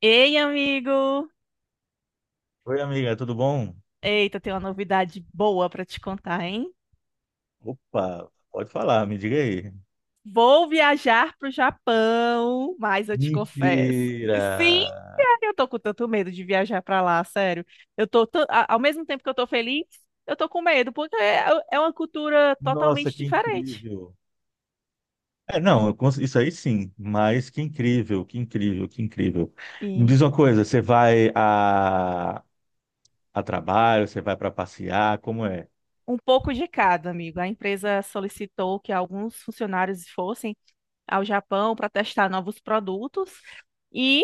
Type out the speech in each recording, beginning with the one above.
Ei, amigo! Oi, amiga, tudo bom? Eita, tem uma novidade boa para te contar, hein? Opa, pode falar, me diga aí. Vou viajar pro Japão, mas eu te confesso. Mentira! Sim, cara, eu tô com tanto medo de viajar para lá, sério. Eu tô, tan- a- Ao mesmo tempo que eu tô feliz, eu tô com medo, porque é uma cultura Nossa, totalmente que diferente. incrível! Não, isso aí sim, mas que incrível, que incrível, que incrível. Me E diz uma coisa, você vai a trabalho, você vai para passear, como é? um pouco de cada, amigo. A empresa solicitou que alguns funcionários fossem ao Japão para testar novos produtos e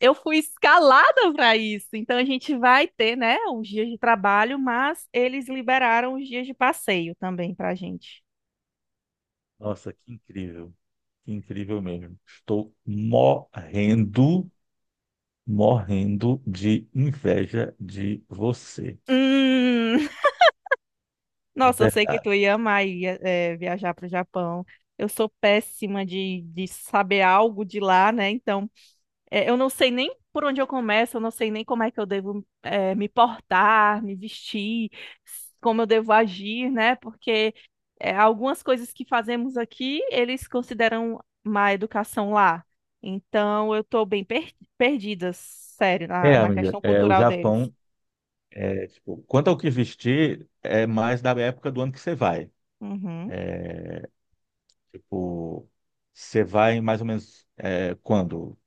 eu fui escalada para isso. Então a gente vai ter, né, os dias de trabalho, mas eles liberaram os dias de passeio também para a gente. Nossa, que incrível mesmo. Estou morrendo, morrendo de inveja de você, Hum, de nossa, eu sei que tu verdade. ia amar ir, viajar para o Japão. Eu sou péssima de saber algo de lá, né? Então é, eu não sei nem por onde eu começo, eu não sei nem como é que eu devo, me portar, me vestir, como eu devo agir, né? Porque algumas coisas que fazemos aqui, eles consideram má educação lá. Então, eu estou bem perdida, sério, na Amiga, questão o cultural deles. Japão. Tipo, quanto ao que vestir, é mais da época do ano que você vai. Uhum. Tipo, você vai mais ou menos quando?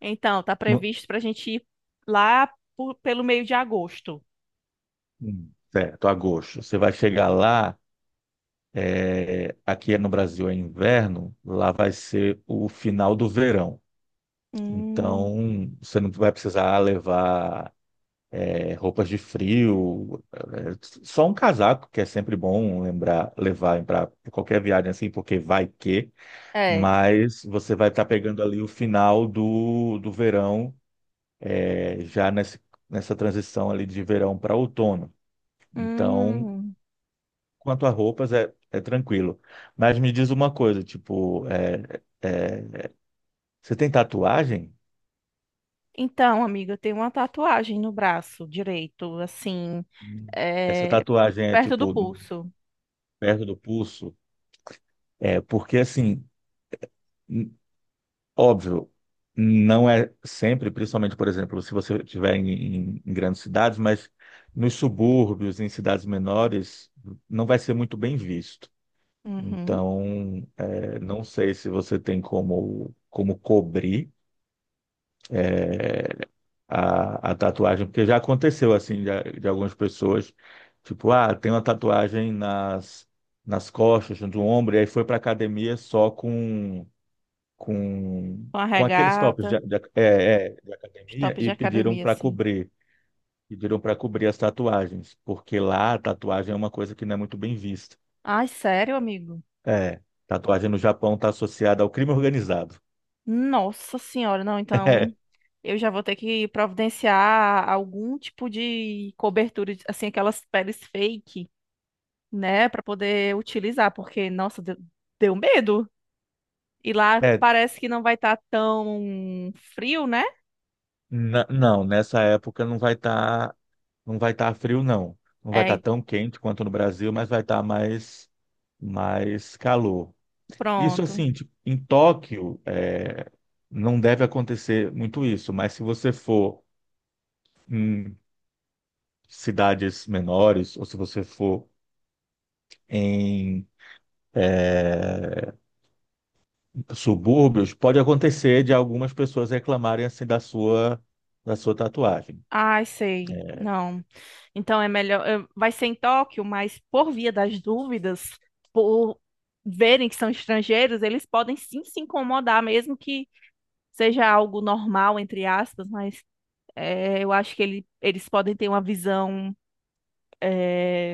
Então, tá No, previsto para a gente ir lá pelo meio de agosto. Certo, agosto. Você vai chegar lá, aqui no Brasil é inverno, lá vai ser o final do verão. Hum, Então, você não vai precisar levar roupas de frio, só um casaco, que é sempre bom lembrar, levar para qualquer viagem assim, porque vai que. é. Mas você vai estar pegando ali o final do verão, é, já nesse, nessa transição ali de verão para outono. Então, Hum. quanto a roupas, é tranquilo. Mas me diz uma coisa, tipo, você tem tatuagem? Então, amiga, eu tenho uma tatuagem no braço direito, assim, Essa é, tatuagem é, perto do tipo, pulso. perto do pulso? É, porque assim. Óbvio, não é sempre, principalmente, por exemplo, se você estiver em, grandes cidades, mas nos subúrbios, em cidades menores, não vai ser muito bem visto. Uhum. Então, não sei se você tem como, como cobrir a tatuagem, porque já aconteceu assim de algumas pessoas, tipo, ah, tem uma tatuagem nas costas, do ombro, e aí foi para academia só Uma com aqueles tops de, regata, de- é, é, de os academia top de e academia, assim. Pediram para cobrir as tatuagens, porque lá a tatuagem é uma coisa que não é muito bem vista. Ai, sério, amigo? É, tatuagem no Japão está associada ao crime organizado. Nossa senhora, não, então eu já vou ter que providenciar algum tipo de cobertura, de- assim, aquelas peles fake, né, pra poder utilizar, porque, nossa, deu medo. E lá É, parece que não vai estar tão frio, né? Não, nessa época não vai estar, não vai estar frio, não. Não vai estar É, tão quente quanto no Brasil, mas vai estar mais calor. Isso pronto. assim, tipo, em Tóquio, não deve acontecer muito isso, mas se você for cidades menores, ou se você for em é, subúrbios, pode acontecer de algumas pessoas reclamarem assim da sua tatuagem. Ai, sei. Não. Então é melhor. Vai ser em Tóquio, mas por via das dúvidas, por verem que são estrangeiros, eles podem sim se incomodar, mesmo que seja algo normal, entre aspas, mas é, eu acho que eles podem ter uma visão é,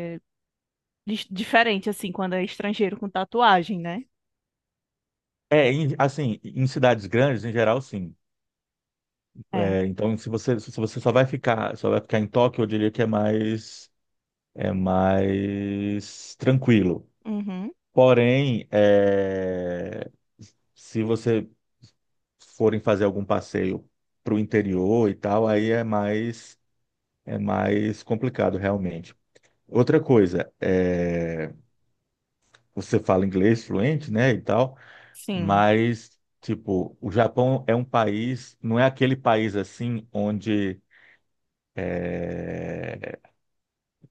diferente, assim, quando é estrangeiro com tatuagem, né? Assim, em cidades grandes, em geral, sim. É. É, então, se você só vai ficar em Tóquio, eu diria que é mais tranquilo. Uhum. Porém, se você forem fazer algum passeio para o interior e tal, aí é mais complicado realmente. Outra coisa, você fala inglês fluente, né, e tal, Sim. mas, tipo, o Japão é um país, não é aquele país assim onde é,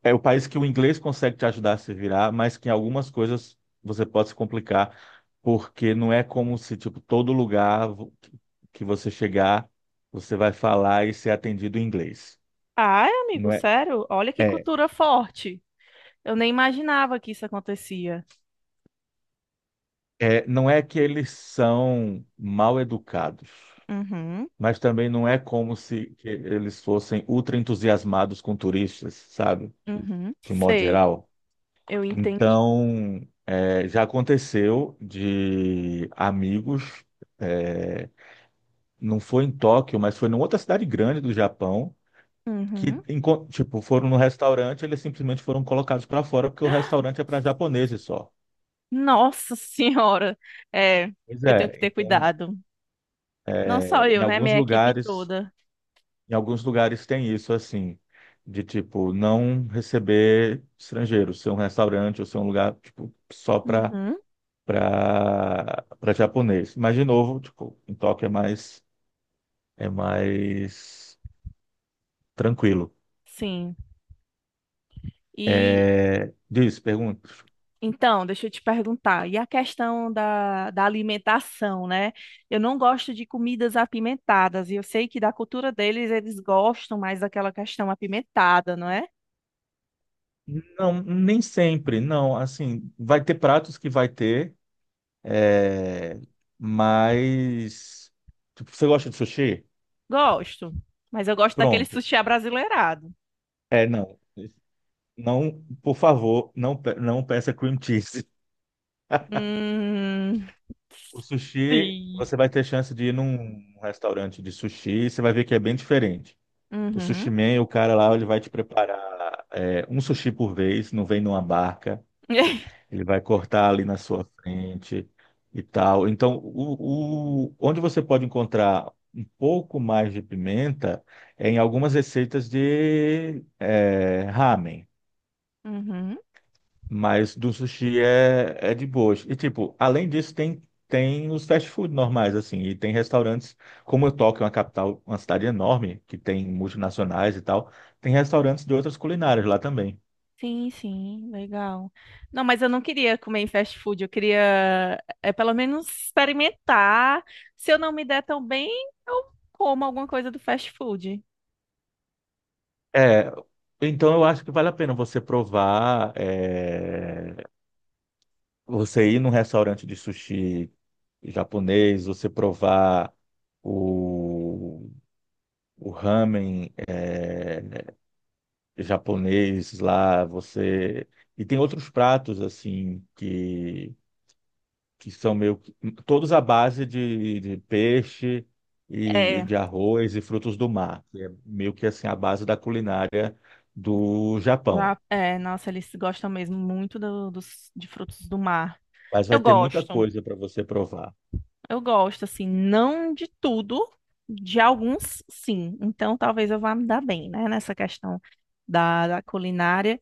é o país que o inglês consegue te ajudar a se virar, mas que em algumas coisas você pode se complicar, porque não é como se, tipo, que você chegar, você vai falar e ser atendido em inglês. Ai, amigo, Não é, sério? Olha que é, cultura forte. Eu nem imaginava que isso acontecia. Não é que eles são mal educados, Uhum. mas também não é como se que eles fossem ultra entusiasmados com turistas, sabe? Uhum. De modo Sei. geral. Eu entendi. Então, já aconteceu de amigos, é, não foi em Tóquio, mas foi em outra cidade grande do Japão, Uhum. que tipo, foram no restaurante, eles simplesmente foram colocados para fora porque o resturante é para japoneses só. Nossa senhora, é, Pois eu é, tenho que ter então cuidado. Não é, só em eu, né? alguns Minha equipe lugares toda. em alguns lugares tem isso, assim, de tipo, não receber estrangeiros, ser um restaurante ou ser um lugar, tipo, só para Uhum. para japonês. Mas, de novo, tipo, em Tóquio é mais tranquilo. Sim. E É, diz, pergunta. então, deixa eu te perguntar. E a questão da alimentação, né? Eu não gosto de comidas apimentadas. E eu sei que da cultura deles, eles gostam mais daquela questão apimentada, não é? Não, nem sempre, não. Assim, vai ter pratos que vai ter, é, mas. Tipo, você gosta de sushi? Gosto. Mas eu gosto daquele Pronto. sushi abrasileirado. É, não. Não, por favor, não, não peça cream cheese. Hum, O sushi, sim. você vai ter chance de ir num restaurante de sushi, e você vai ver que é bem diferente. O sushi Uhum. man, o cara lá, ele vai te preparar um sushi por vez, não vem numa barca, ele vai cortar ali na sua frente e tal. Então, onde você pode encontrar um pouco mais de pimenta é em algumas receitas de ramen. Uhum. Mas do sushi é de boas. E, tipo, além disso, tem, tem os fast food normais, assim. E tem restaurantes, como Tóquio é uma capital, uma cidade enorme, que tem multinacionais e tal, tem restaurantes de outras culinárias lá também. Sim, sim, legal. Não, mas eu não queria comer em fast food, eu queria é, pelo menos experimentar. Se eu não me der tão bem, eu como alguma coisa do fast food. É, então eu acho que vale a pena você provar, você ir num restaurante de sushi japonês, você provar o, o ramen, japonês lá, você. E tem outros pratos, assim, que são meio. Todos à base de peixe e É, de arroz e frutos do mar, que é meio que assim a base da culinária do Japão. já, é, nossa, eles gostam mesmo muito dos, de frutos do mar. Mas Eu vai ter muita gosto, coisa para você provar. eu gosto, assim, não de tudo, de alguns sim. Então talvez eu vá me dar bem, né, nessa questão da culinária.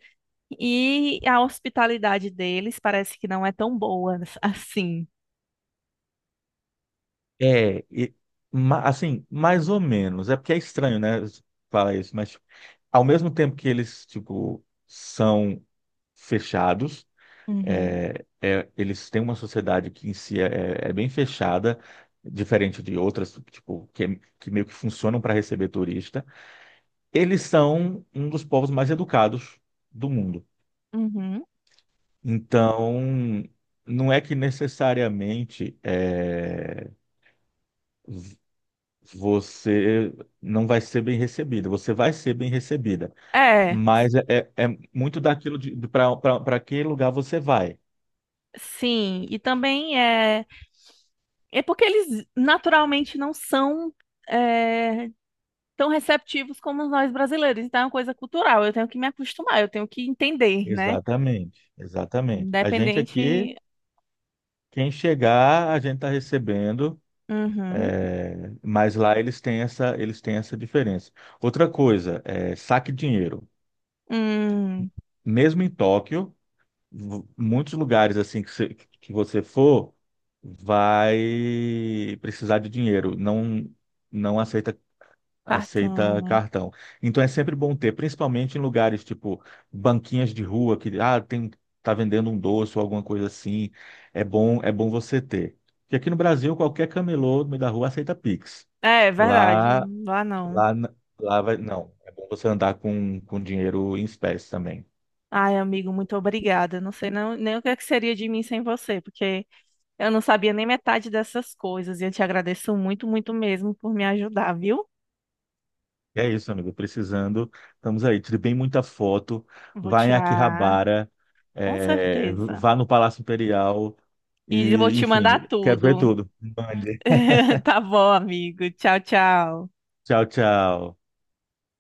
E a hospitalidade deles parece que não é tão boa assim. É, e, assim, mais ou menos. É porque é estranho, né? Falar isso, mas ao mesmo tempo que eles, tipo, são fechados. Uhum. Eles têm uma sociedade que em si é bem fechada, diferente de outras, tipo, que meio que funcionam para receber turista. Eles são um dos povos mais educados do mundo. Uhum. Então, não é que necessariamente v- você não vai ser bem recebido, você vai ser bem recebida, É, mas é muito daquilo de, para que lugar você vai. sim, e também é, é porque eles naturalmente não são é, tão receptivos como nós brasileiros, então é uma coisa cultural, eu tenho que me acostumar, eu tenho que entender, né? Exatamente, Uhum. exatamente. A gente aqui Independente. quem chegar, a gente está recebendo, Uhum. mas lá eles têm essa diferença. Outra coisa, saque dinheiro. Hum, Mesmo em Tóquio, muitos lugares assim que você for, vai precisar de dinheiro. Não, não aceita. Aceita Tartana. cartão. Então é sempre bom ter, principalmente em lugares tipo banquinhas de rua que ah, tem tá vendendo um doce ou alguma coisa assim. É bom você ter. Porque aqui no Brasil qualquer camelô no meio da rua aceita Pix. É, é verdade, Lá, lá não. lá, lá vai, não. É bom você andar com dinheiro em espécie também. Ai, amigo, muito obrigada. Não sei não, nem o que é que seria de mim sem você, porque eu não sabia nem metade dessas coisas e eu te agradeço muito, muito mesmo por me ajudar, viu? E é isso, amigo. Precisando, estamos aí. Tire bem muita foto. Vou Vá em tirar, Akihabara, com certeza. vá no Palácio Imperial E vou e, te mandar enfim, quero ver tudo. tudo. Mande. Tá bom, amigo. Tchau, tchau. Tchau, tchau.